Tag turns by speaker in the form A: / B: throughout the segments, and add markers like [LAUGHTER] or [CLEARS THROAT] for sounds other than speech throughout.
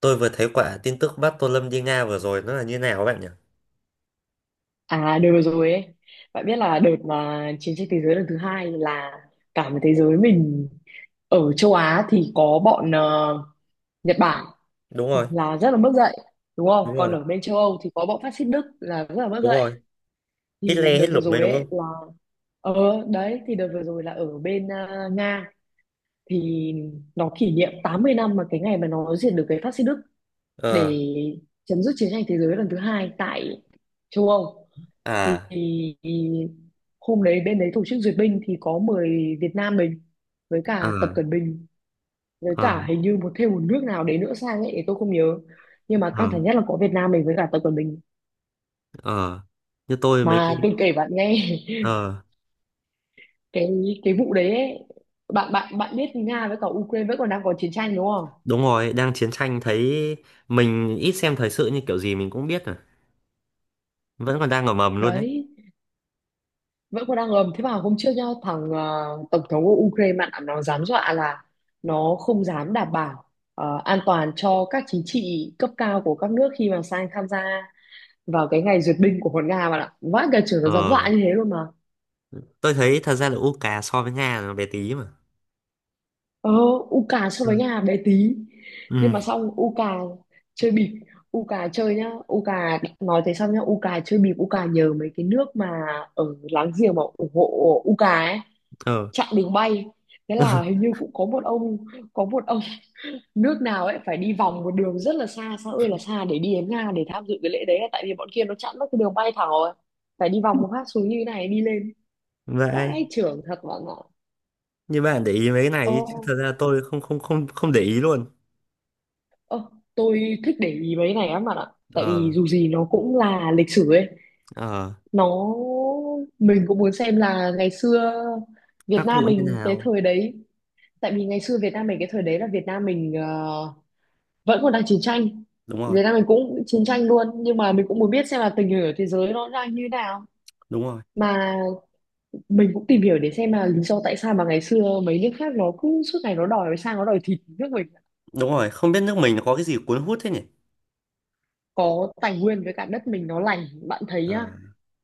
A: Tôi vừa thấy quả tin tức bắt Tô Lâm đi Nga vừa rồi nó là như nào các bạn nhỉ?
B: À đợt vừa rồi ấy, bạn biết là đợt mà chiến tranh thế giới lần thứ hai là cả một thế giới mình ở châu Á thì có bọn Nhật Bản
A: Đúng rồi,
B: là rất là mất dạy, đúng không?
A: đúng
B: Còn
A: rồi,
B: ở bên châu Âu thì có bọn phát xít Đức là rất là mất
A: đúng
B: dạy.
A: rồi. Hết
B: Thì
A: le
B: đợt
A: hết
B: vừa
A: lủng đấy
B: rồi
A: đúng
B: ấy
A: không?
B: là ờ Đấy, thì đợt vừa rồi là ở bên Nga thì nó kỷ niệm 80 năm mà cái ngày mà nó diệt được cái phát xít Đức,
A: Ờ,
B: để chấm dứt chiến tranh thế giới lần thứ hai tại châu Âu. Thì
A: à,
B: hôm đấy bên đấy tổ chức duyệt binh thì có mời Việt Nam mình với cả Tập
A: à,
B: Cận Bình, với
A: ờ,
B: cả hình như thêm một nước nào đấy nữa sang ấy thì tôi không nhớ, nhưng mà căng
A: ờ,
B: thẳng nhất là có Việt Nam mình với cả Tập Cận Bình.
A: ờ. Như tôi mấy
B: Mà
A: cái,
B: tôi kể bạn nghe,
A: ờ,
B: [LAUGHS] cái cái vụ đấy ấy, bạn bạn bạn biết Nga với cả Ukraine vẫn còn đang có chiến tranh đúng không?
A: đúng rồi, đang chiến tranh thấy mình ít xem thời sự như kiểu gì mình cũng biết rồi. Vẫn còn đang ở mầm luôn đấy.
B: Đấy, vẫn còn đang ngầm. Thế mà hôm trước nhá, thằng tổng thống của Ukraine ạ, nó dám dọa là nó không dám đảm bảo an toàn cho các chính trị cấp cao của các nước khi mà sang tham gia vào cái ngày duyệt binh của con Nga, bạn ạ. Vãi cả trưởng, nó dám
A: Ờ,
B: dọa như thế luôn mà.
A: tôi thấy thật ra là UK so với Nga là nó bé tí mà.
B: ờ Uka so với
A: Ừ,
B: nhà bé tí, nhưng
A: ừ,
B: mà xong Uka chơi bịp. Uka chơi nhá, Uka nói thế xong nhá, Uka chơi bịp, Uka nhờ mấy cái nước mà ở láng giềng mà ủng hộ Uka ấy
A: ờ,
B: chặn đường bay. Thế là hình như cũng có một ông, có một ông [LAUGHS] nước nào ấy phải đi vòng một đường rất là xa, xa ơi là xa để đi đến Nga để tham dự cái lễ đấy, tại vì bọn kia nó chặn mất cái đường bay thẳng rồi, phải đi vòng một phát xuống như thế này đi lên.
A: vậy.
B: Vãi trưởng thật bạn ạ.
A: Như bạn để ý mấy cái này chứ thật
B: ô
A: ra tôi không không không không để ý luôn.
B: Ơ, tôi thích để ý mấy cái này lắm bạn ạ. Tại vì
A: Ờ.
B: dù gì nó cũng là lịch sử ấy.
A: Ờ,
B: Nó mình cũng muốn xem là ngày xưa Việt
A: các
B: Nam
A: cụ như
B: mình cái
A: nào.
B: thời đấy. Tại vì ngày xưa Việt Nam mình cái thời đấy là Việt Nam mình vẫn còn đang chiến tranh.
A: Đúng rồi,
B: Việt Nam mình cũng chiến tranh luôn. Nhưng mà mình cũng muốn biết xem là tình hình ở thế giới nó đang như thế nào.
A: đúng rồi,
B: Mà mình cũng tìm hiểu để xem là lý do tại sao mà ngày xưa mấy nước khác nó cứ suốt ngày nó đòi sang nó đòi thịt nước mình.
A: đúng rồi, không biết nước mình nó có cái gì cuốn hút thế nhỉ.
B: Có tài nguyên với cả đất mình nó lành, bạn thấy
A: Ờ,
B: nhá.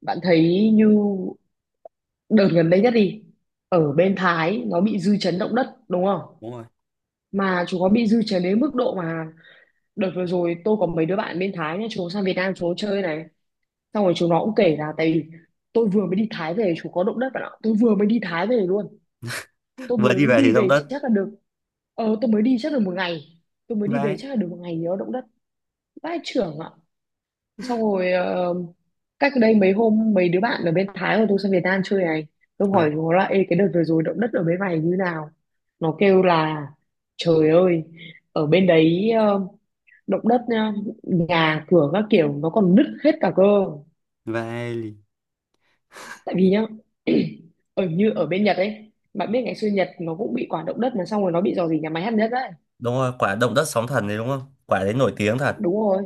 B: Bạn thấy như đợt gần đây nhất đi, ở bên Thái nó bị dư chấn động đất đúng không?
A: đúng rồi,
B: Mà chúng nó bị dư chấn đến mức độ mà đợt vừa rồi tôi có mấy đứa bạn bên Thái nhá, chúng nó sang Việt Nam chúng nó chơi này, xong rồi chúng nó cũng kể là tại vì tôi vừa mới đi Thái về chúng có động đất bạn ạ. Tôi vừa mới đi Thái về luôn, tôi
A: vừa đi
B: mới
A: về
B: đi
A: thì động
B: về
A: đất.
B: chắc là được tôi mới đi chắc là một ngày, tôi mới đi về
A: Vai,
B: chắc là được một ngày nhớ động đất. Vãi chưởng ạ. Xong rồi cách đây mấy hôm mấy đứa bạn ở bên Thái của tôi sang Việt Nam chơi này, tôi
A: ờ,
B: hỏi nó là: Ê, cái đợt vừa rồi động đất ở bên này như nào? Nó kêu là: Trời ơi, ở bên đấy động đất nhá, nhà cửa các kiểu nó còn nứt hết cả cơ.
A: vai lì.
B: Tại vì nhá, [CLEARS THROAT] ở bên Nhật ấy, bạn biết ngày xưa Nhật nó cũng bị quả động đất mà xong rồi nó bị rò rỉ nhà máy hạt nhân đấy.
A: Đúng rồi, quả động đất sóng thần đấy đúng không, quả đấy nổi tiếng thật.
B: Đúng rồi,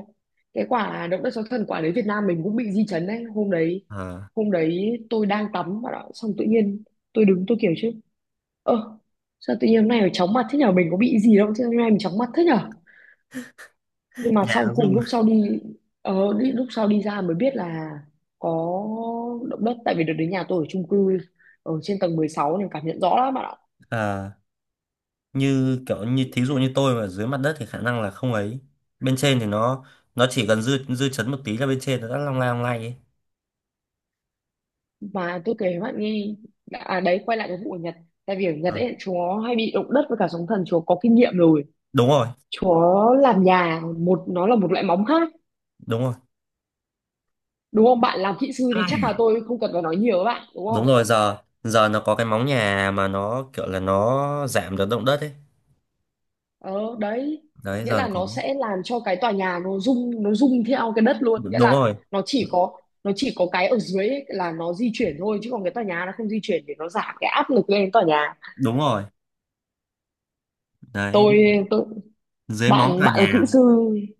B: cái quả động đất sóng thần quả đấy Việt Nam mình cũng bị di chấn đấy hôm đấy.
A: Ờ,
B: Hôm đấy tôi đang tắm bạn ạ, xong tự nhiên tôi đứng tôi kiểu chứ: Ơ, sao tự nhiên hôm nay phải chóng mặt thế nhở? Mình có bị gì đâu, chứ hôm nay mình chóng mặt thế nhở? Nhưng mà sau
A: áo
B: cùng
A: dung.
B: lúc sau đi, đi lúc sau đi ra mới biết là có động đất. Tại vì đợt đến nhà tôi ở chung cư ở trên tầng 16 nên cảm nhận rõ lắm bạn ạ.
A: À, như kiểu như thí dụ như tôi mà dưới mặt đất thì khả năng là không ấy, bên trên thì nó chỉ cần dư dư chấn một tí là bên trên nó đã long lay ấy.
B: Mà tôi kể với bạn nghe, à đấy, quay lại cái vụ ở Nhật. Tại vì ở Nhật
A: Ờ,
B: ấy, chúa hay bị động đất với cả sóng thần, chúa có kinh nghiệm rồi.
A: đúng rồi,
B: Chúa làm nhà, nó là một loại móng khác.
A: đúng rồi.
B: Đúng không? Bạn làm kỹ sư thì chắc là
A: Ai,
B: tôi không cần phải nói nhiều với bạn, đúng
A: đúng
B: không?
A: rồi, giờ giờ nó có cái móng nhà mà nó kiểu là nó giảm được động đất ấy.
B: ờ Đấy,
A: Đấy
B: nghĩa
A: giờ
B: là
A: nó có
B: nó sẽ làm cho cái tòa nhà nó rung, nó rung theo cái đất luôn. Nghĩa
A: đúng
B: là
A: rồi,
B: nó chỉ có cái ở dưới ấy là nó di chuyển thôi, chứ còn cái tòa nhà nó không di chuyển, để nó giảm cái áp lực lên tòa nhà.
A: đúng rồi. Đấy
B: Tôi tôi
A: dưới móng
B: bạn
A: cả
B: bạn là kỹ
A: nhà.
B: sư,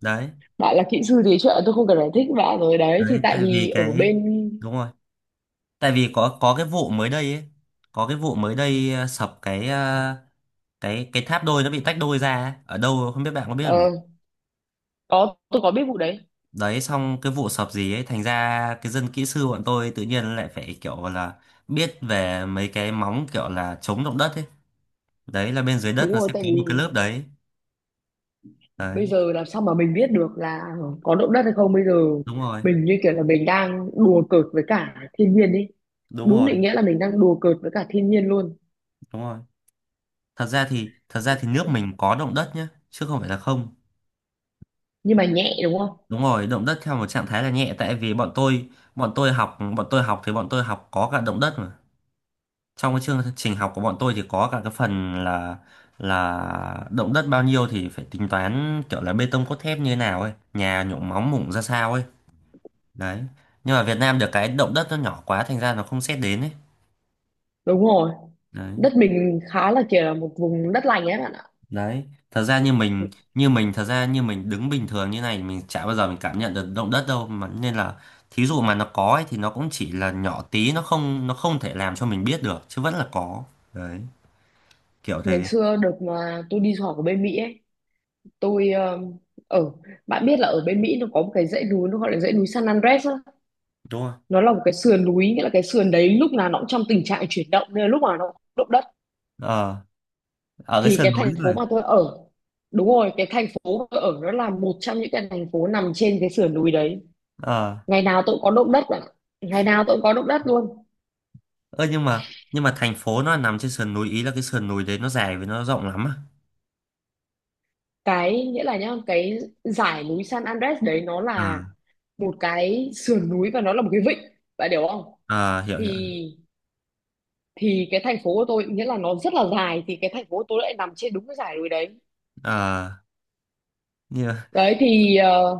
A: Đấy,
B: thì chuyện tôi không cần giải thích bạn rồi đấy. Thì
A: đấy
B: tại
A: tại
B: vì
A: vì
B: ở bên
A: đúng rồi, tại vì có cái vụ mới đây ấy, có cái vụ mới đây, ờ, sập cái tháp đôi nó bị tách đôi ra ấy. Ở đâu không biết, bạn có biết không nhỉ?
B: ờ có, tôi có biết vụ đấy.
A: Đấy xong cái vụ sập gì ấy, thành ra cái dân kỹ sư bọn tôi tự nhiên lại phải kiểu là biết về mấy cái móng kiểu là chống động đất ấy. Đấy là bên dưới đất
B: Đúng
A: nó
B: rồi,
A: sẽ
B: tại
A: có một
B: vì
A: cái lớp đấy.
B: bây
A: Đấy,
B: giờ làm sao mà mình biết được là có động đất hay không bây giờ?
A: đúng rồi,
B: Mình như kiểu là mình đang đùa cợt với cả thiên nhiên đi.
A: đúng
B: Đúng
A: rồi,
B: định nghĩa là mình đang đùa cợt với cả thiên nhiên luôn.
A: đúng rồi. Thật ra thì thật ra thì nước mình có động đất nhá, chứ không phải là không.
B: Nhưng mà nhẹ, đúng không?
A: Đúng rồi, động đất theo một trạng thái là nhẹ, tại vì bọn tôi học thì bọn tôi học có cả động đất mà. Trong cái chương trình học của bọn tôi thì có cả cái phần là động đất bao nhiêu thì phải tính toán kiểu là bê tông cốt thép như thế nào ấy, nhà nhộn móng mủng ra sao ấy. Đấy, nhưng mà Việt Nam được cái động đất nó nhỏ quá thành ra nó không xét đến ấy.
B: Đúng rồi.
A: Đấy.
B: Đất mình khá là kiểu là một vùng đất lành ấy bạn ạ.
A: Đấy thật ra như mình như mình, thật ra như mình đứng bình thường như này mình chả bao giờ mình cảm nhận được động đất đâu mà, nên là thí dụ mà nó có ấy, thì nó cũng chỉ là nhỏ tí, nó không thể làm cho mình biết được chứ vẫn là có. Đấy kiểu
B: Ngày
A: thế.
B: xưa được mà tôi đi du học ở bên Mỹ ấy, tôi ở, bạn biết là ở bên Mỹ nó có một cái dãy núi nó gọi là dãy núi San Andres á.
A: Đúng không?
B: Nó là một cái sườn núi, nghĩa là cái sườn đấy lúc nào nó cũng trong tình trạng chuyển động nên là lúc nào nó cũng động đất.
A: Ờ, ở cái
B: Thì
A: sườn
B: cái
A: núi
B: thành phố
A: này.
B: mà tôi ở, đúng rồi, cái thành phố mà tôi ở nó là một trong những cái thành phố nằm trên cái sườn núi đấy.
A: Ờ,
B: Ngày nào tôi cũng có động đất ạ, ngày nào tôi cũng có động đất luôn.
A: ơ nhưng mà thành phố nó nằm trên sườn núi ý là cái sườn núi đấy nó dài với nó rộng lắm à?
B: Nghĩa là nhá, cái dải núi San Andres đấy nó
A: Ờ,
B: là một cái sườn núi và nó là một cái vịnh, bạn hiểu không?
A: ờ, hiểu
B: thì
A: hiểu.
B: thì cái thành phố của tôi, nghĩa là nó rất là dài, thì cái thành phố của tôi lại nằm trên đúng cái dải núi đấy.
A: Ờ, như
B: Đấy thì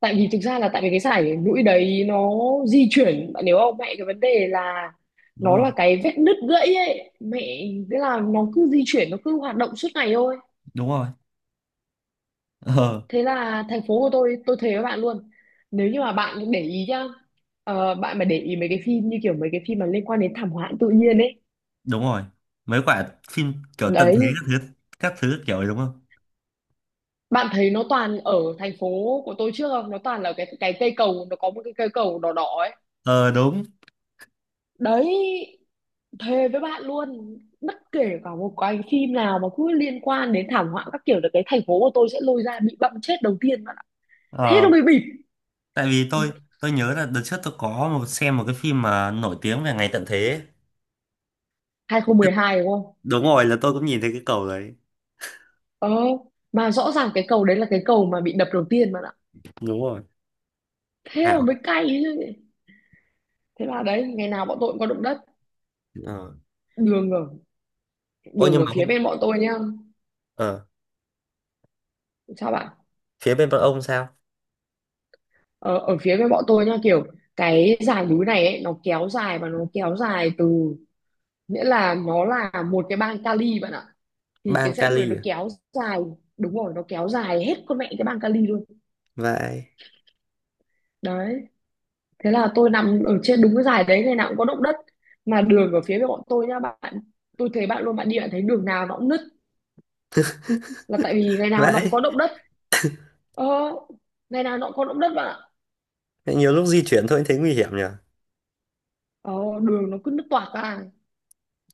B: tại vì thực ra là tại vì cái sải mũi đấy nó di chuyển, bạn hiểu không mẹ? Cái vấn đề là
A: đúng
B: nó
A: rồi,
B: là cái vết nứt gãy ấy mẹ. Thế là nó cứ di chuyển, nó cứ hoạt động suốt ngày thôi.
A: đúng rồi. Ờ,
B: Thế là thành phố của tôi thề với bạn luôn, nếu như mà bạn để ý nhá, bạn mà để ý mấy cái phim như kiểu mấy cái phim mà liên quan đến thảm họa tự nhiên ấy
A: đúng rồi. Mấy quả phim kiểu tận thế
B: đấy,
A: các thứ, các thứ kiểu ấy đúng không?
B: bạn thấy nó toàn ở thành phố của tôi trước không? Nó toàn là cái cây cầu, nó có một cái cây cầu đỏ đỏ ấy
A: Ờ, đúng.
B: đấy. Thề với bạn luôn, bất kể cả một cái phim nào mà cứ liên quan đến thảm họa các kiểu là cái thành phố của tôi sẽ lôi ra bị bậm chết đầu tiên bạn ạ. Thế nó
A: Ờ,
B: mới bịp.
A: tại vì tôi nhớ là đợt trước tôi có một xem một cái phim mà nổi tiếng về ngày tận thế ấy.
B: 2012 đúng không?
A: Đúng rồi, là tôi cũng nhìn thấy cái cầu đấy.
B: Ờ, mà rõ ràng cái cầu đấy là cái cầu mà bị đập đầu tiên bạn ạ.
A: Đúng rồi,
B: Thế mà
A: ảo.
B: mới cay chứ. Thế là đấy, ngày nào bọn tôi cũng có động đất.
A: Ờ,
B: đường ở
A: ôi
B: Đường
A: nhưng
B: ở
A: mà
B: phía
A: không.
B: bên bọn tôi nhá.
A: Ờ,
B: Sao bạn?
A: phía bên bọn ông sao?
B: Ờ, Ở phía bên bọn tôi nhá, kiểu cái dải núi này ấy, nó kéo dài và nó kéo dài từ, nghĩa là nó là một cái bang Cali bạn ạ. Thì cái
A: Bang
B: dãy lúc nó
A: Cali à?
B: kéo dài, đúng rồi, nó kéo dài hết con mẹ cái băng kali luôn.
A: Vậy,
B: Đấy, thế là tôi nằm ở trên đúng cái dài đấy, ngày nào cũng có động đất. Mà đường ở phía bên bọn tôi nhá bạn, tôi thấy bạn luôn, bạn đi bạn thấy đường nào nó cũng nứt, là tại vì ngày nào nó cũng
A: vậy,
B: có động đất. ờ, Ngày nào nó cũng có động đất bạn ạ.
A: nhiều lúc di chuyển thôi thấy nguy hiểm nhỉ.
B: ờ, Đường nó cứ nứt toạc ra.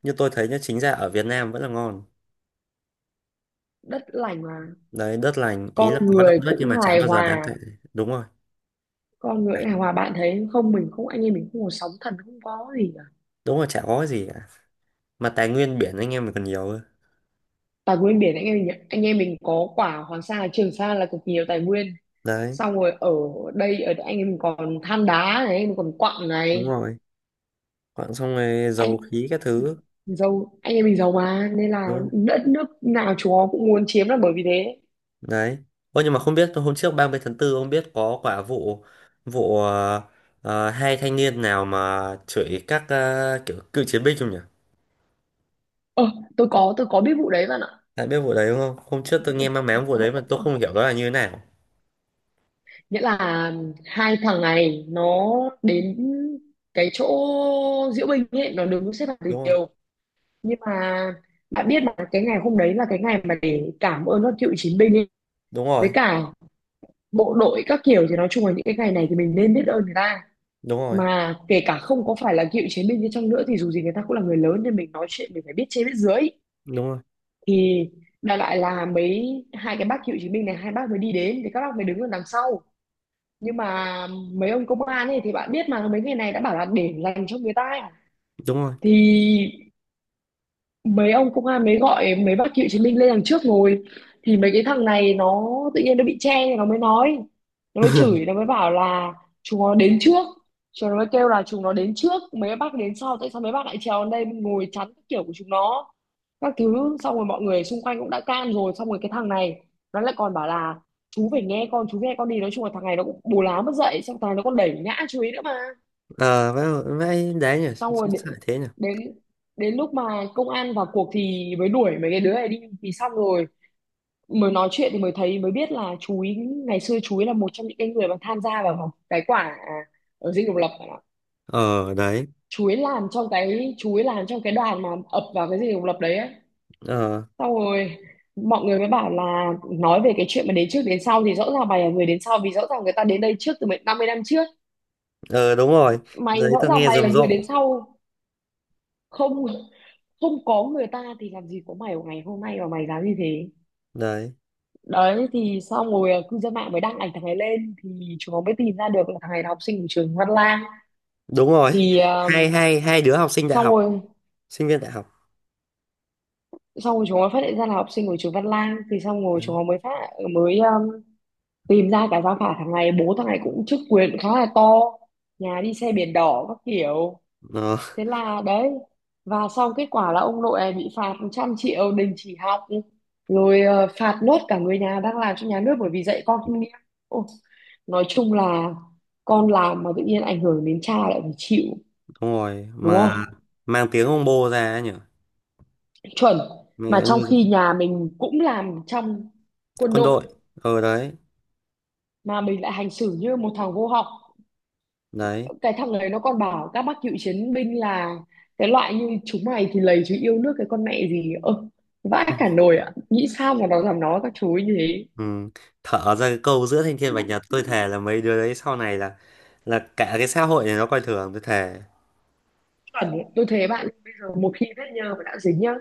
A: Như tôi thấy nhá, chính ra ở Việt Nam vẫn là ngon.
B: Đất lành mà.
A: Đấy đất lành ý
B: Con
A: là có động
B: người
A: đất
B: cũng
A: nhưng mà chả
B: hài
A: bao giờ đáng
B: hòa.
A: kể. Đúng rồi,
B: Con người hài hòa, bạn thấy không? Mình không, anh em mình không có sóng thần, không có gì cả.
A: đúng rồi, chả có cái gì cả, mà tài nguyên biển anh em mình còn nhiều cơ.
B: Tài nguyên biển anh em mình, anh Em mình có quả Hoàng Sa Trường Sa là cực nhiều tài nguyên.
A: Đấy,
B: Xong rồi ở đây, ở anh em mình còn than đá này, mình còn quặng
A: đúng
B: này.
A: rồi, quặng xong rồi dầu
B: Anh
A: khí các thứ.
B: giàu, anh em mình giàu mà, nên là
A: Đúng không?
B: đất nước nào chúng nó cũng muốn chiếm là bởi vì thế.
A: Đấy, ô nhưng mà không biết hôm trước 30/4 ông biết có quả vụ, vụ, ờ, ờ, hai thanh niên nào mà chửi các, ờ, kiểu cựu chiến binh không nhỉ?
B: Ờ, tôi có, tôi có biết vụ đấy bạn ạ.
A: Đã biết vụ đấy đúng không? Hôm trước tôi nghe mang
B: Ờ,
A: máng vụ đấy mà tôi không hiểu đó là như thế nào.
B: Nghĩa là hai thằng này nó đến cái chỗ diễu binh ấy, nó đứng xếp hàng từ
A: Đúng rồi,
B: nhiều. Nhưng mà bạn biết mà, cái ngày hôm đấy là cái ngày mà để cảm ơn các cựu chiến binh ấy,
A: đúng
B: với
A: rồi,
B: cả bộ đội các kiểu, thì nói chung là những cái ngày này thì mình nên biết ơn người ta.
A: đúng rồi,
B: Mà kể cả không có phải là cựu chiến binh đi chăng nữa thì dù gì người ta cũng là người lớn, nên mình nói chuyện mình phải biết trên biết dưới.
A: đúng rồi,
B: Thì đại loại là mấy, hai cái bác cựu chiến binh này, hai bác mới đi đến thì các bác mới đứng ở đằng sau. Nhưng mà mấy ông công an ấy thì bạn biết mà, mấy ngày này đã bảo là để dành cho người ta ấy.
A: đúng rồi.
B: Thì mấy ông công an mới gọi mấy bác cựu chiến binh lên đằng trước ngồi. Thì mấy cái thằng này nó tự nhiên nó bị che thì nó mới nói, nó mới chửi, nó mới bảo là chúng nó đến trước. Chúng nó mới kêu là chúng nó đến trước, mấy bác đến sau, tại sao mấy bác lại trèo lên đây ngồi chắn các kiểu của chúng nó, các thứ. Xong rồi mọi người xung quanh cũng đã can rồi, xong rồi cái thằng này nó lại còn bảo là chú phải nghe con, chú nghe con đi. Nói chung là thằng này nó cũng bù lá mất dậy, xong thằng này nó còn đẩy ngã chú ý nữa mà.
A: Ờ vậy, vãi đấy nhỉ.
B: Xong rồi đến,
A: Sao lại thế nhỉ?
B: đến đến lúc mà công an vào cuộc thì mới đuổi mấy cái đứa này đi. Thì xong rồi mới nói chuyện thì mới thấy, mới biết là chú ý ngày xưa, chú ý là một trong những cái người mà tham gia vào cái quả à, ở dinh độc lập bạn ạ.
A: Ờ đấy.
B: Chú ý làm trong cái, chú ý làm trong cái đoàn mà ập vào cái dinh độc lập đấy ấy.
A: Ờ,
B: Xong rồi mọi người mới bảo là nói về cái chuyện mà đến trước đến sau thì rõ ràng mày là người đến sau, vì rõ ràng người ta đến đây trước từ 50 năm trước.
A: ờ, đúng rồi.
B: Mày
A: Đấy
B: rõ
A: tôi
B: ràng
A: nghe
B: mày là
A: rầm
B: người đến
A: rộ.
B: sau. Không, không có người ta thì làm gì có mày ở ngày hôm nay mà mày dám như thế.
A: Đấy,
B: Đấy, thì xong rồi cư dân mạng mới đăng ảnh thằng này lên thì chúng nó mới tìm ra được là thằng này là học sinh của trường Văn Lang.
A: đúng rồi,
B: Thì
A: hai hai hai đứa học sinh đại
B: xong
A: học,
B: rồi,
A: sinh viên đại học.
B: xong rồi chúng nó phát hiện ra là học sinh của trường Văn Lang, thì xong rồi
A: Đấy.
B: chúng nó mới phát, mới tìm ra cả gia phả thằng này. Bố thằng này cũng chức quyền khá là to, nhà đi xe biển đỏ các kiểu.
A: Ờ,
B: Thế là đấy, và xong kết quả là ông nội này bị phạt 100 triệu, đình chỉ học rồi. Ờ, Phạt nốt cả người nhà đang làm cho nhà nước bởi vì dạy con không nghiêm. Ôi, nói chung là con làm mà tự nhiên ảnh hưởng đến cha lại phải chịu,
A: đúng rồi
B: đúng
A: mà,
B: không?
A: mang tiếng ông bô ra ấy nhỉ.
B: Chuẩn. Mà
A: Mẹ
B: trong
A: nuôi dạy.
B: khi nhà mình cũng làm trong quân
A: Quân
B: đội
A: đội. Ờ, đấy.
B: mà mình lại hành xử như một thằng vô học.
A: Đấy.
B: Cái thằng đấy nó còn bảo các bác cựu chiến binh là cái loại như chúng mày thì lầy chứ yêu nước cái con mẹ gì. Ơ, vãi cả nồi ạ, nghĩ sao mà nó dám nói các chú ấy như thế.
A: Ừ, thở ra cái câu giữa thanh thiên bạch nhật tôi thề là mấy đứa đấy sau này là cả cái xã hội này nó coi thường, tôi thề.
B: Chuẩn ấy. Tôi thấy bạn, bây giờ một khi vết nhơ mà đã dính nhá,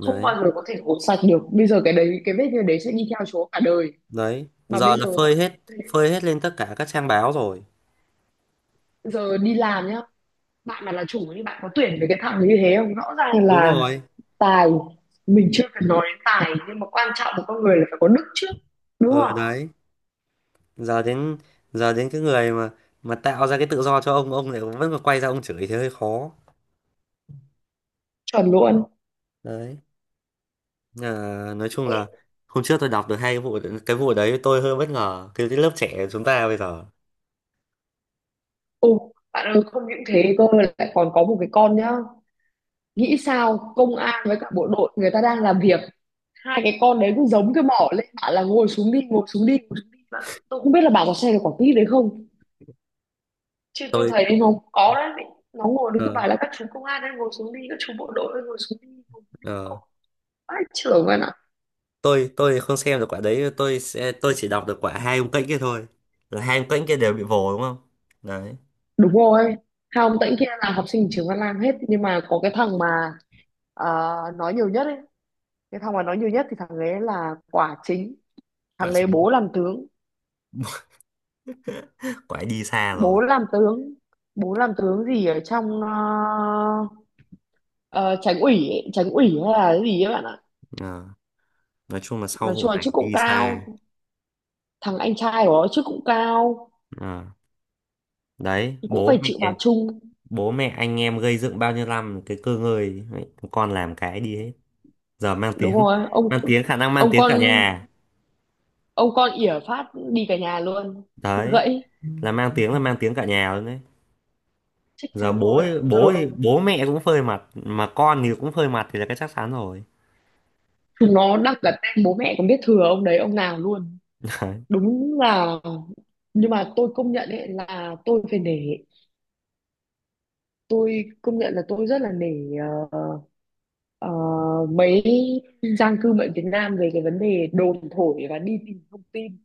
B: không bao giờ có thể gột sạch được. Bây giờ cái đấy, cái vết nhơ đấy sẽ đi theo chú cả đời.
A: đấy
B: Mà
A: giờ
B: bây giờ
A: là phơi hết,
B: tôi-
A: phơi hết lên tất cả các trang báo rồi.
B: giờ đi làm nhá, bạn mà là chủ thì bạn có tuyển với cái thằng như thế không? Rõ ràng
A: Đúng
B: là
A: rồi.
B: tài, mình chưa cần nói đến tài nhưng mà quan trọng của con người là phải có đức trước, đúng
A: Ờ
B: không?
A: đấy, giờ đến giờ đến cái người mà tạo ra cái tự do cho ông lại vẫn còn quay ra ông chửi thì hơi khó.
B: Chuẩn luôn.
A: Đấy. À, nói chung
B: Mẹ.
A: là hôm trước tôi đọc được hai cái vụ, cái vụ đấy tôi hơi bất ngờ cái lớp trẻ chúng ta bây giờ.
B: Ồ, bạn ơi, không những thế cơ, lại còn có một cái con nhá. Nghĩ sao công an với cả bộ đội người ta đang làm việc, hai cái con đấy cũng giống cái mỏ lên bảo là ngồi xuống đi, ngồi xuống đi, ngồi xuống đi mà. Tôi không biết là bà có xem được quả clip đấy không, chứ tôi
A: Tôi
B: thấy nó có đấy. Nó ngồi đứng cứ
A: ờ,
B: bảo là các chú công an đang ngồi xuống đi, các chú bộ đội đang ngồi xuống đi, ngồi xuống đi
A: ờ,
B: ông. Vãi trưởng vậy ạ.
A: Tôi không xem được quả đấy, tôi sẽ tôi chỉ đọc được quả hai ông kênh kia thôi. Là hai ông kênh kia đều bị vồ đúng không? Đấy
B: Đúng rồi, hai ông tãnh kia là học sinh trường Văn Lang hết, nhưng mà có cái thằng mà à, nói nhiều nhất ấy, cái thằng mà nói nhiều nhất thì thằng ấy là quả chính.
A: quả
B: Thằng đấy
A: chính.
B: bố làm tướng,
A: [LAUGHS] Quả ấy đi xa rồi.
B: bố làm tướng, bố làm tướng gì ở trong ờ, Tránh ủy ấy, Tránh ủy hay là cái gì ấy bạn ạ.
A: Ờ, nói chung là sau
B: Nói
A: vụ
B: chung là
A: này
B: chức cũng
A: đi xa.
B: cao, thằng anh trai của nó chức cũng cao,
A: Ờ, đấy
B: cũng
A: bố
B: phải
A: mẹ,
B: chịu phạt chung.
A: bố mẹ anh em gây dựng bao nhiêu năm cái cơ ngơi ấy, con làm cái đi hết. Giờ mang
B: Đúng
A: tiếng.
B: rồi
A: [LAUGHS]
B: ông
A: Mang tiếng, khả năng mang
B: ông
A: tiếng
B: con,
A: cả nhà.
B: ông con ỉa phát đi cả nhà luôn.
A: Đấy
B: Gãy.
A: là mang tiếng, là mang tiếng cả nhà luôn đấy.
B: Chắc
A: Giờ
B: chắn rồi.
A: bố,
B: Giờ
A: bố mẹ cũng phơi mặt mà con thì cũng phơi mặt thì là cái chắc chắn rồi.
B: chúng nó đặt cả tên bố mẹ, còn biết thừa ông đấy ông nào luôn.
A: [LAUGHS] Đấy.
B: Đúng là, nhưng mà tôi công nhận ấy, là tôi phải để, tôi công nhận là tôi rất là nể ờ, ờ, mấy giang cư bệnh Việt Nam về cái vấn đề đồn thổi và đi tìm thông tin.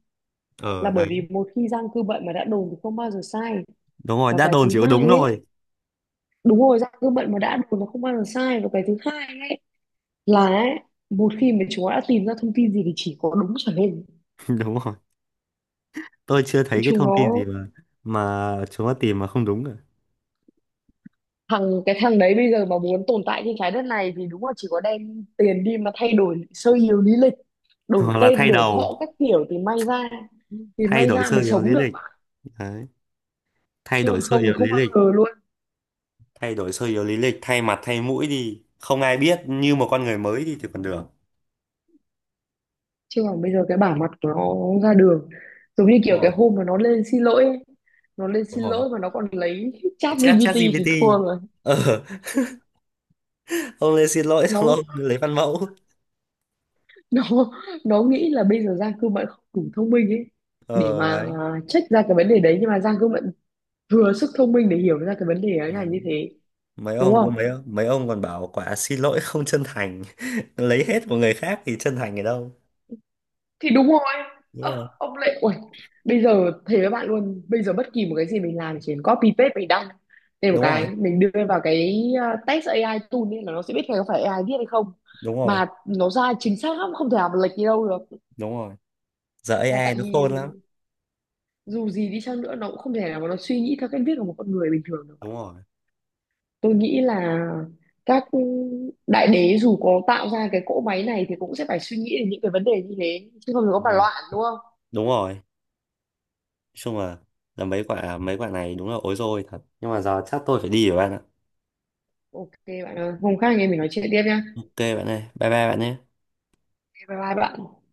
B: Là
A: Ờ
B: bởi
A: đấy,
B: vì một khi giang cư bệnh mà đã đồn thì không bao giờ sai.
A: đúng rồi,
B: Và
A: đã
B: cái
A: đồn
B: thứ
A: chỉ có
B: hai
A: đúng
B: ấy,
A: thôi.
B: đúng rồi, giang cư bệnh mà đã đồn nó không bao giờ sai. Và cái thứ hai ấy là ấy, một khi mà chúng nó đã tìm ra thông tin gì thì chỉ có đúng trở lên.
A: [LAUGHS] Đúng rồi, tôi chưa thấy cái
B: Chúng
A: thông tin gì
B: nó,
A: mà chúng nó tìm mà không đúng cả.
B: cái thằng đấy bây giờ mà muốn tồn tại trên trái đất này thì đúng là chỉ có đem tiền đi mà thay đổi sơ yếu lý lịch,
A: [LAUGHS]
B: đổi
A: Hoặc là
B: tên
A: thay
B: đổi
A: đầu,
B: họ các kiểu thì may ra, thì
A: thay
B: may
A: đổi
B: ra
A: sơ
B: mới
A: yếu
B: sống
A: lý
B: được.
A: lịch. Đấy, thay
B: Chứ
A: đổi
B: còn
A: sơ
B: không thì
A: yếu
B: không
A: lý
B: bao
A: lịch,
B: giờ luôn.
A: thay đổi sơ yếu lý lịch, thay mặt thay mũi đi không ai biết như một con người mới đi thì còn được.
B: Chứ còn bây giờ cái bả mặt của nó ra đường, giống như
A: Đúng
B: kiểu
A: rồi,
B: cái hôm mà nó lên xin lỗi ấy. Nó lên
A: đúng
B: xin
A: rồi,
B: lỗi mà nó còn lấy chat
A: chat chat
B: GPT thì
A: GPT.
B: thua rồi.
A: Ờ, [LAUGHS] ông lên xin lỗi xong ông
B: Nó,
A: lấy văn mẫu.
B: [LAUGHS] nó nó nghĩ là bây giờ Giang Cương Mận không đủ thông minh ấy để
A: Ờ
B: mà
A: đấy.
B: check ra cái vấn đề đấy, nhưng mà Giang Cương Mận vừa sức thông minh để hiểu ra cái vấn đề ấy là như
A: Ừ.
B: thế,
A: mấy
B: đúng
A: ông
B: không?
A: cũng mấy mấy ông còn bảo quả xin lỗi không chân thành, [LAUGHS] lấy hết của người khác thì chân thành ở đâu?
B: Thì đúng rồi.
A: Đúng
B: Ơ,
A: rồi,
B: ông lại, Uầy, bây giờ thề với bạn luôn, bây giờ bất kỳ một cái gì mình làm chỉ cần copy paste, mình đăng thêm một
A: đúng
B: cái,
A: rồi,
B: mình đưa vào cái test AI tool nên là nó sẽ biết là có phải AI viết hay không.
A: đúng rồi,
B: Mà nó ra chính xác lắm, không thể nào mà lệch đi đâu được.
A: đúng rồi, giờ
B: Là
A: AI
B: tại
A: nó
B: vì
A: khôn lắm.
B: dù gì đi chăng nữa, nó cũng không thể nào mà nó suy nghĩ theo cách viết của một con người bình thường được.
A: Đúng rồi.
B: Tôi nghĩ là các đại đế dù có tạo ra cái cỗ máy này thì cũng sẽ phải suy nghĩ đến những cái vấn đề như thế, chứ không thì có mà
A: Ừ,
B: loạn, đúng không?
A: đúng rồi, nói chung là mấy quả này đúng là ối rồi thật, nhưng mà giờ chắc tôi phải đi rồi bạn ạ.
B: OK, bạn ơi, hôm khác anh em mình nói chuyện tiếp nhá.
A: OK bạn ơi, bye bye bạn nhé.
B: Bye bye bạn.